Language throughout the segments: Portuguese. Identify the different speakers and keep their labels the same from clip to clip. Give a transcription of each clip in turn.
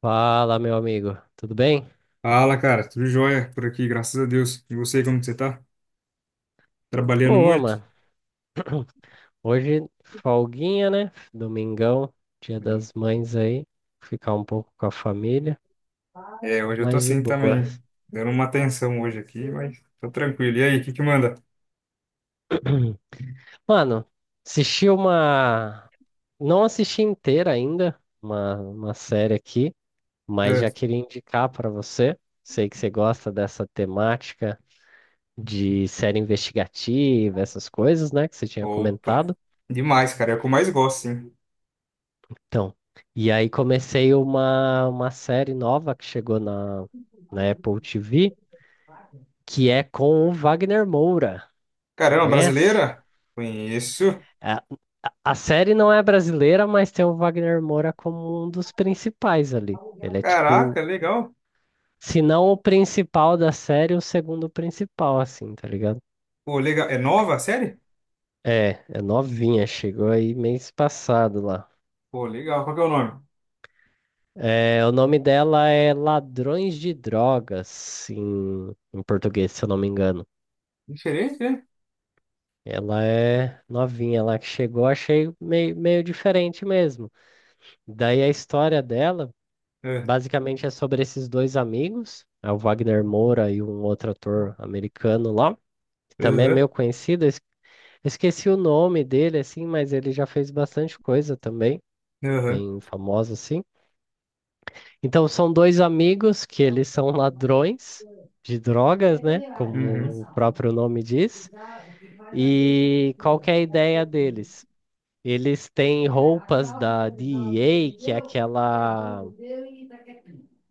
Speaker 1: Fala, meu amigo. Tudo bem?
Speaker 2: Fala, cara, tudo jóia por aqui, graças a Deus. E você, como que você tá? Trabalhando
Speaker 1: Boa,
Speaker 2: muito?
Speaker 1: mano. Hoje, folguinha, né? Domingão, dia das mães aí. Ficar um pouco com a família,
Speaker 2: É, hoje eu tô
Speaker 1: mas de
Speaker 2: assim
Speaker 1: boa.
Speaker 2: também, dando uma atenção hoje aqui, mas tô tranquilo. E aí, o que que manda?
Speaker 1: Mano, assisti uma. Não assisti inteira ainda, uma série aqui, mas
Speaker 2: É.
Speaker 1: já queria indicar pra você. Sei que você gosta dessa temática de série investigativa, essas coisas, né? Que você tinha
Speaker 2: Opa,
Speaker 1: comentado.
Speaker 2: demais, cara, é o que eu mais gosto, sim.
Speaker 1: Então, e aí comecei uma série nova que chegou na Apple TV, que é com o Wagner Moura.
Speaker 2: Caramba,
Speaker 1: Conhece?
Speaker 2: brasileira? Conheço.
Speaker 1: A, a série não é brasileira, mas tem o Wagner Moura como um dos principais ali. Ele é tipo,
Speaker 2: Caraca, legal.
Speaker 1: se não o principal da série, o segundo principal, assim, tá ligado?
Speaker 2: Pô, legal. É nova a série?
Speaker 1: É, é novinha, chegou aí mês passado lá.
Speaker 2: Pô, legal. Qual que é o nome?
Speaker 1: É, o nome dela é Ladrões de Drogas, em português, se eu não me engano.
Speaker 2: Diferente, né?
Speaker 1: Ela é novinha, ela que chegou, achei meio, meio diferente mesmo. Daí a história dela,
Speaker 2: É.
Speaker 1: basicamente, é sobre esses dois amigos, é o Wagner Moura e um outro ator americano lá, que também é
Speaker 2: Aham,
Speaker 1: meio conhecido. Esqueci o nome dele, assim, mas ele já fez bastante coisa também,
Speaker 2: aham.
Speaker 1: bem famoso, assim. Então, são dois amigos que eles são ladrões de drogas, né? Como o
Speaker 2: Uhum.
Speaker 1: próprio nome diz. E qual que é a ideia deles? Eles têm roupas da DEA, que é aquela,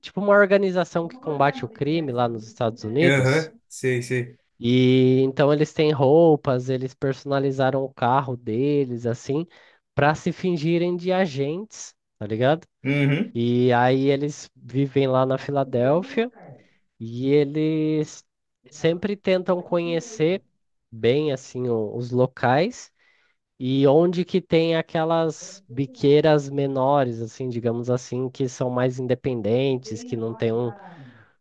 Speaker 1: tipo uma organização que combate o crime lá nos Estados Unidos.
Speaker 2: Aham, sei, sei.
Speaker 1: E então eles têm roupas, eles personalizaram o carro deles assim, para se fingirem de agentes, tá ligado?
Speaker 2: Uhum.
Speaker 1: E aí eles vivem lá na Filadélfia e eles sempre tentam conhecer bem assim os locais e onde que tem aquelas biqueiras menores, assim, digamos assim, que são mais independentes, que não tem um,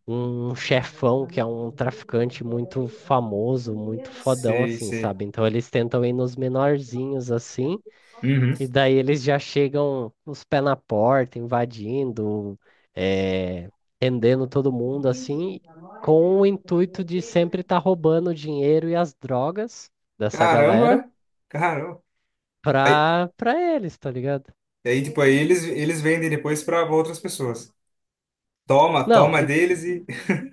Speaker 1: um chefão que é um traficante muito famoso, muito fodão,
Speaker 2: Sei,
Speaker 1: assim,
Speaker 2: sei.
Speaker 1: sabe? Então eles tentam ir nos menorzinhos, assim,
Speaker 2: Uhum.
Speaker 1: e daí eles já chegam os pés na porta, invadindo, eh, rendendo todo mundo, assim, com o intuito de sempre estar roubando o dinheiro e as drogas dessa galera
Speaker 2: Caramba! Caramba! Aí,
Speaker 1: pra eles, tá ligado?
Speaker 2: aí, tipo, aí eles vendem depois para outras pessoas. Toma,
Speaker 1: Não,
Speaker 2: toma deles e.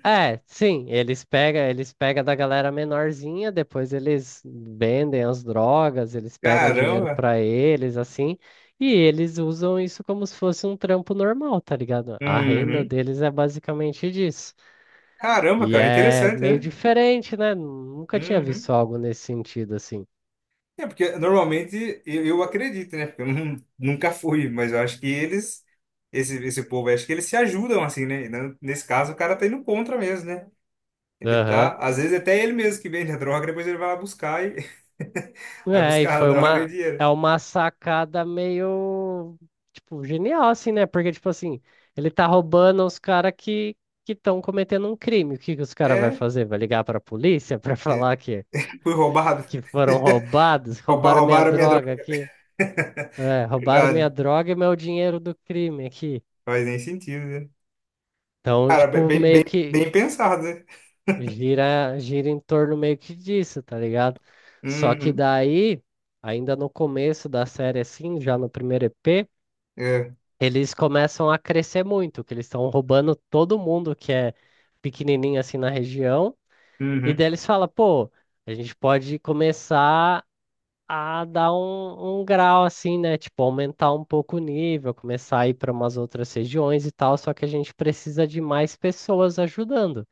Speaker 1: é, sim, eles pegam, da galera menorzinha, depois eles vendem as drogas, eles pegam dinheiro
Speaker 2: Caramba!
Speaker 1: pra eles, assim, e eles usam isso como se fosse um trampo normal, tá ligado? A renda
Speaker 2: Uhum.
Speaker 1: deles é basicamente disso.
Speaker 2: Caramba,
Speaker 1: E
Speaker 2: cara,
Speaker 1: é
Speaker 2: interessante,
Speaker 1: meio
Speaker 2: né?
Speaker 1: diferente, né? Nunca tinha
Speaker 2: Uhum.
Speaker 1: visto algo nesse sentido, assim.
Speaker 2: É, porque normalmente eu acredito, né? Porque eu nunca fui, mas eu acho que eles, esse povo, acho que eles se ajudam assim, né? E Nesse caso, o cara tá indo contra mesmo, né? Ele
Speaker 1: Aham.
Speaker 2: tá, às vezes até ele mesmo que vende a droga, depois ele vai lá buscar e vai
Speaker 1: É, e
Speaker 2: buscar a droga e dinheiro.
Speaker 1: é uma sacada meio, tipo, genial, assim, né? Porque, tipo assim, ele tá roubando os caras que estão cometendo um crime. O que que os caras vai
Speaker 2: É,
Speaker 1: fazer? Vai ligar pra polícia pra
Speaker 2: é,
Speaker 1: falar que,
Speaker 2: fui roubado.
Speaker 1: que foram roubados? Roubaram minha
Speaker 2: Roubaram a minha
Speaker 1: droga
Speaker 2: droga.
Speaker 1: aqui. É, roubaram minha
Speaker 2: Verdade.
Speaker 1: droga e meu dinheiro do crime aqui.
Speaker 2: Faz nem sentido, né?
Speaker 1: Então,
Speaker 2: Cara,
Speaker 1: tipo, meio que
Speaker 2: bem pensado, né?
Speaker 1: gira em torno meio que disso, tá ligado? Só que
Speaker 2: Uhum.
Speaker 1: daí, ainda no começo da série, assim, já no primeiro EP,
Speaker 2: É.
Speaker 1: eles começam a crescer muito, que eles estão roubando todo mundo que é pequenininho assim na região, e
Speaker 2: Uhum.
Speaker 1: daí eles falam, pô, a gente pode começar a dar um grau assim, né? Tipo, aumentar um pouco o nível, começar a ir para umas outras regiões e tal, só que a gente precisa de mais pessoas ajudando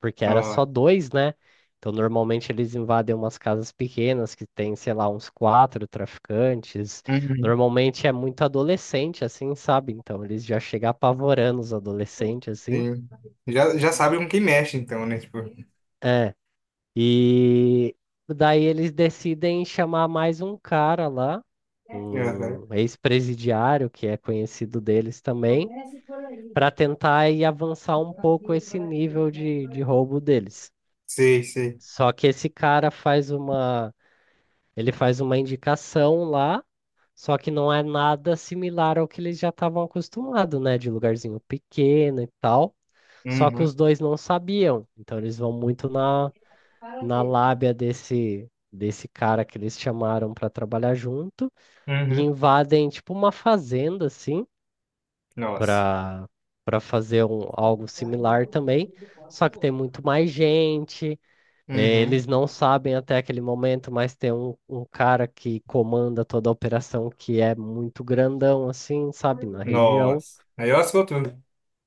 Speaker 1: porque era
Speaker 2: Ó.
Speaker 1: só dois, né? Então, normalmente eles invadem umas casas pequenas que tem, sei lá, uns quatro traficantes.
Speaker 2: Uhum.
Speaker 1: Normalmente é muito adolescente, assim, sabe? Então, eles já chegam apavorando os adolescentes, assim.
Speaker 2: Sim. Já, já sabe com quem mexe, então, né? Tipo,
Speaker 1: É. E daí eles decidem chamar mais um cara lá,
Speaker 2: uhum.
Speaker 1: um ex-presidiário, que é conhecido deles também, para tentar ir avançar um pouco esse nível de roubo deles.
Speaker 2: Sei, sei.
Speaker 1: Só que esse cara faz uma ele faz uma indicação lá, só que não é nada similar ao que eles já estavam acostumados, né? De lugarzinho pequeno e tal. Só que os
Speaker 2: Uhum.
Speaker 1: dois não sabiam. Então eles vão muito na lábia desse cara que eles chamaram para trabalhar junto e
Speaker 2: Uhum.
Speaker 1: invadem tipo uma fazenda, assim,
Speaker 2: Nossa.
Speaker 1: para fazer algo similar também. Só que tem muito mais gente, é,
Speaker 2: Uhum.
Speaker 1: eles não sabem até aquele momento, mas tem um cara que comanda toda a operação que é muito grandão, assim, sabe, na região.
Speaker 2: Nossa. Aí, ó, soltou.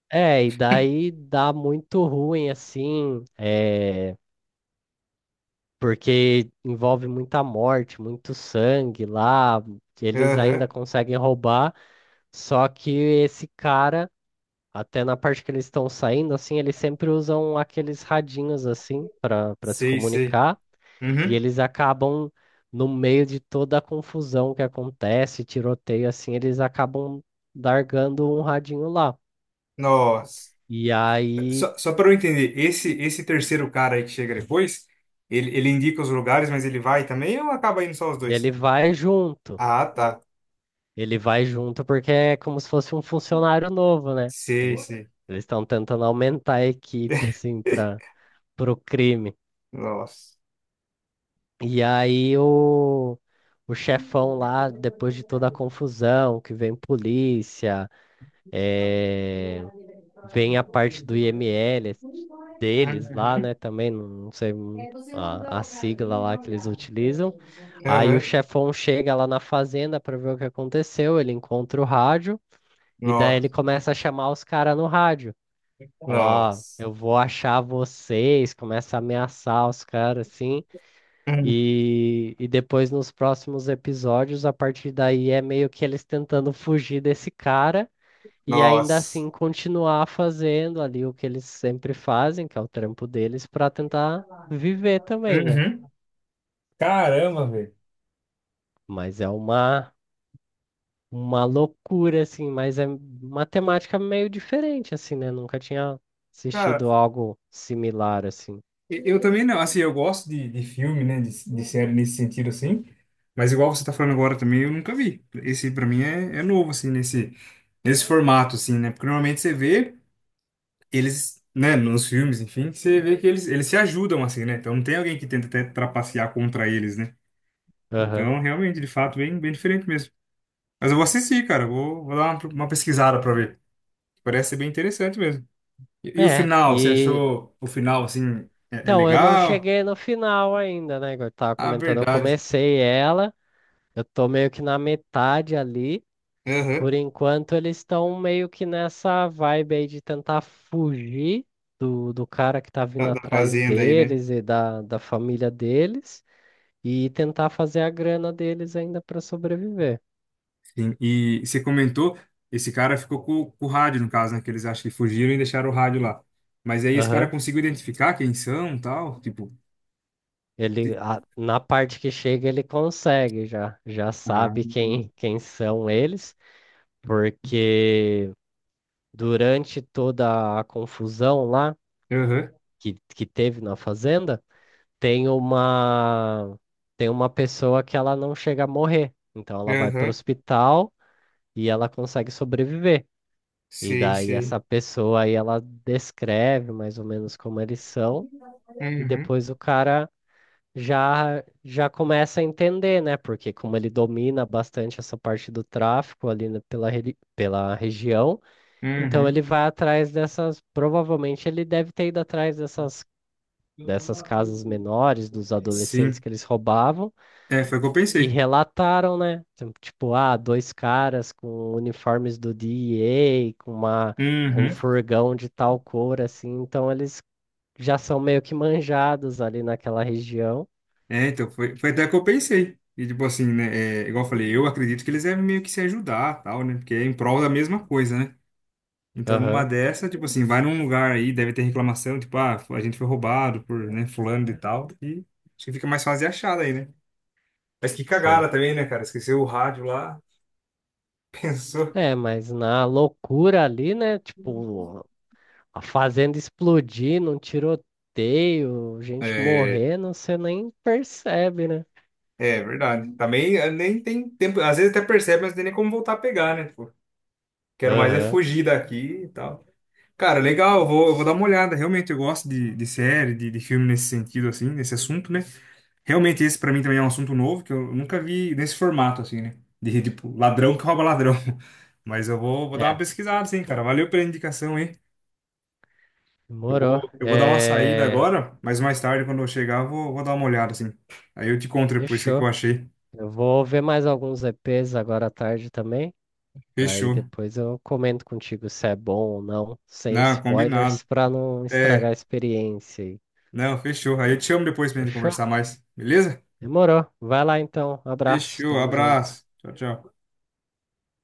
Speaker 1: É, e daí dá muito ruim, assim, é, porque envolve muita morte, muito sangue lá. Eles
Speaker 2: Aham.
Speaker 1: ainda conseguem roubar, só que esse cara até na parte que eles estão saindo, assim, eles sempre usam aqueles radinhos, assim, para se
Speaker 2: Sei, sei.
Speaker 1: comunicar. E
Speaker 2: Uhum.
Speaker 1: eles acabam, no meio de toda a confusão que acontece, tiroteio, assim, eles acabam largando um radinho lá.
Speaker 2: Nossa.
Speaker 1: E aí
Speaker 2: Só, só para eu entender, esse terceiro cara aí que chega depois, ele indica os lugares, mas ele vai também ou acaba indo só os
Speaker 1: ele
Speaker 2: dois?
Speaker 1: vai junto.
Speaker 2: Ah, tá.
Speaker 1: Ele vai junto porque é como se fosse um funcionário novo, né?
Speaker 2: Sei,
Speaker 1: Ele-
Speaker 2: sei.
Speaker 1: Eles estão tentando aumentar a equipe, assim, para o crime.
Speaker 2: Nossa.
Speaker 1: E aí o chefão lá, depois de toda a confusão, que vem polícia, eh, vem a parte do IML deles
Speaker 2: Aham.
Speaker 1: lá, né? Também, não sei a sigla lá que eles utilizam. Aí o chefão chega lá na fazenda para ver o que aconteceu, ele encontra o rádio e daí ele
Speaker 2: Nossa.
Speaker 1: começa a chamar os caras no rádio. Fala, ó,
Speaker 2: Nossa.
Speaker 1: eu vou achar vocês, começa a ameaçar os caras assim.
Speaker 2: Uhum.
Speaker 1: E depois nos próximos episódios, a partir daí é meio que eles tentando fugir desse cara e ainda
Speaker 2: Nossa.
Speaker 1: assim continuar fazendo ali o que eles sempre fazem, que é o trampo deles, para tentar viver também, né?
Speaker 2: Uhum. Caramba, velho.
Speaker 1: Mas é uma loucura assim, mas é uma temática meio diferente assim, né? Nunca tinha assistido algo similar assim.
Speaker 2: Eu também não, assim, eu gosto de filme, né, de série nesse sentido, assim, mas igual você tá falando agora também, eu nunca vi. Esse, pra mim, é, é novo, assim, nesse, nesse formato, assim, né, porque normalmente você vê eles, né, nos filmes, enfim, você vê que eles se ajudam, assim, né, então não tem alguém que tenta até trapacear contra eles, né,
Speaker 1: Aham.
Speaker 2: então, realmente, de fato, bem, bem diferente mesmo. Mas eu vou assistir, cara, eu vou, vou dar uma pesquisada pra ver, parece ser bem interessante mesmo. E o
Speaker 1: É,
Speaker 2: final, você
Speaker 1: e
Speaker 2: achou o final, assim, é, é
Speaker 1: então eu não
Speaker 2: legal?
Speaker 1: cheguei no final ainda, né? Igual eu tava
Speaker 2: Ah,
Speaker 1: comentando, eu
Speaker 2: verdade.
Speaker 1: comecei ela Eu tô meio que na metade ali.
Speaker 2: Aham.
Speaker 1: Por enquanto, eles estão meio que nessa vibe aí de tentar fugir do cara que tá vindo
Speaker 2: Da, da
Speaker 1: atrás
Speaker 2: fazenda aí, né?
Speaker 1: deles e da família deles e tentar fazer a grana deles ainda para sobreviver.
Speaker 2: Sim, e você comentou, esse cara ficou com o rádio, no caso, né? Que eles acham que fugiram e deixaram o rádio lá. Mas aí esse cara
Speaker 1: Aham.
Speaker 2: conseguiu identificar quem são, tal, tipo... se-
Speaker 1: Na parte que chega, ele consegue já,
Speaker 2: Ah,
Speaker 1: sabe quem são eles, porque durante toda a confusão lá
Speaker 2: aham,
Speaker 1: que teve na fazenda. Tem uma pessoa que ela não chega a morrer. Então ela vai para o
Speaker 2: aham,
Speaker 1: hospital e ela consegue sobreviver. E
Speaker 2: sei,
Speaker 1: daí essa
Speaker 2: sei.
Speaker 1: pessoa aí ela descreve mais ou menos como eles são e
Speaker 2: Uhum,
Speaker 1: depois o cara já começa a entender, né? Porque como ele domina bastante essa parte do tráfico ali pela região, então
Speaker 2: uhum,
Speaker 1: ele vai atrás dessas, provavelmente ele deve ter ido atrás dessas casas menores, dos adolescentes
Speaker 2: sim.
Speaker 1: que eles roubavam
Speaker 2: É, foi o que eu
Speaker 1: que
Speaker 2: pensei.
Speaker 1: relataram, né? Então, tipo, ah, dois caras com uniformes do DEA, com um
Speaker 2: Uhum.
Speaker 1: furgão de tal cor, assim. Então, eles já são meio que manjados ali naquela região.
Speaker 2: É, então, foi, foi até o que eu pensei. E, tipo assim, né? É, igual eu falei, eu acredito que eles devem meio que se ajudar, tal, né? Porque é em prol da mesma coisa, né? Então, numa
Speaker 1: Aham,
Speaker 2: dessa, tipo assim, vai num lugar aí, deve ter reclamação, tipo, ah, a gente foi roubado por, né, fulano e tal, e acho que fica mais fácil de achar daí, né? Mas que
Speaker 1: sim.
Speaker 2: cagada também, né, cara? Esqueceu o rádio lá, pensou.
Speaker 1: É, mas na loucura ali, né? Tipo, a fazenda explodindo, um tiroteio, gente
Speaker 2: É,
Speaker 1: morrendo, você nem percebe, né?
Speaker 2: é verdade. Também nem tem tempo, às vezes até percebe, mas não tem nem como voltar a pegar, né? Tipo, quero mais é
Speaker 1: Aham.
Speaker 2: fugir daqui e tal. Cara, legal, eu vou dar uma olhada. Realmente, eu gosto de série, de filme nesse sentido, assim, nesse assunto, né? Realmente, esse pra mim também é um assunto novo que eu nunca vi nesse formato, assim, né? De tipo, ladrão que rouba ladrão. Mas eu vou, vou dar uma
Speaker 1: É,
Speaker 2: pesquisada, sim, cara. Valeu pela indicação aí.
Speaker 1: demorou.
Speaker 2: Eu vou dar uma saída
Speaker 1: É.
Speaker 2: agora, mas mais tarde, quando eu chegar, eu vou, vou dar uma olhada, assim. Aí eu te conto depois o que que eu
Speaker 1: Fechou.
Speaker 2: achei.
Speaker 1: Eu vou ver mais alguns EPs agora à tarde também. Daí
Speaker 2: Fechou.
Speaker 1: depois eu comento contigo se é bom ou não, sem
Speaker 2: Não, combinado.
Speaker 1: spoilers, pra não estragar a
Speaker 2: É,
Speaker 1: experiência aí.
Speaker 2: não, fechou. Aí eu te chamo depois pra gente
Speaker 1: Fechou?
Speaker 2: conversar mais, beleza?
Speaker 1: Demorou. Vai lá então. Abraço.
Speaker 2: Fechou,
Speaker 1: Tamo junto.
Speaker 2: abraço. Tchau, tchau.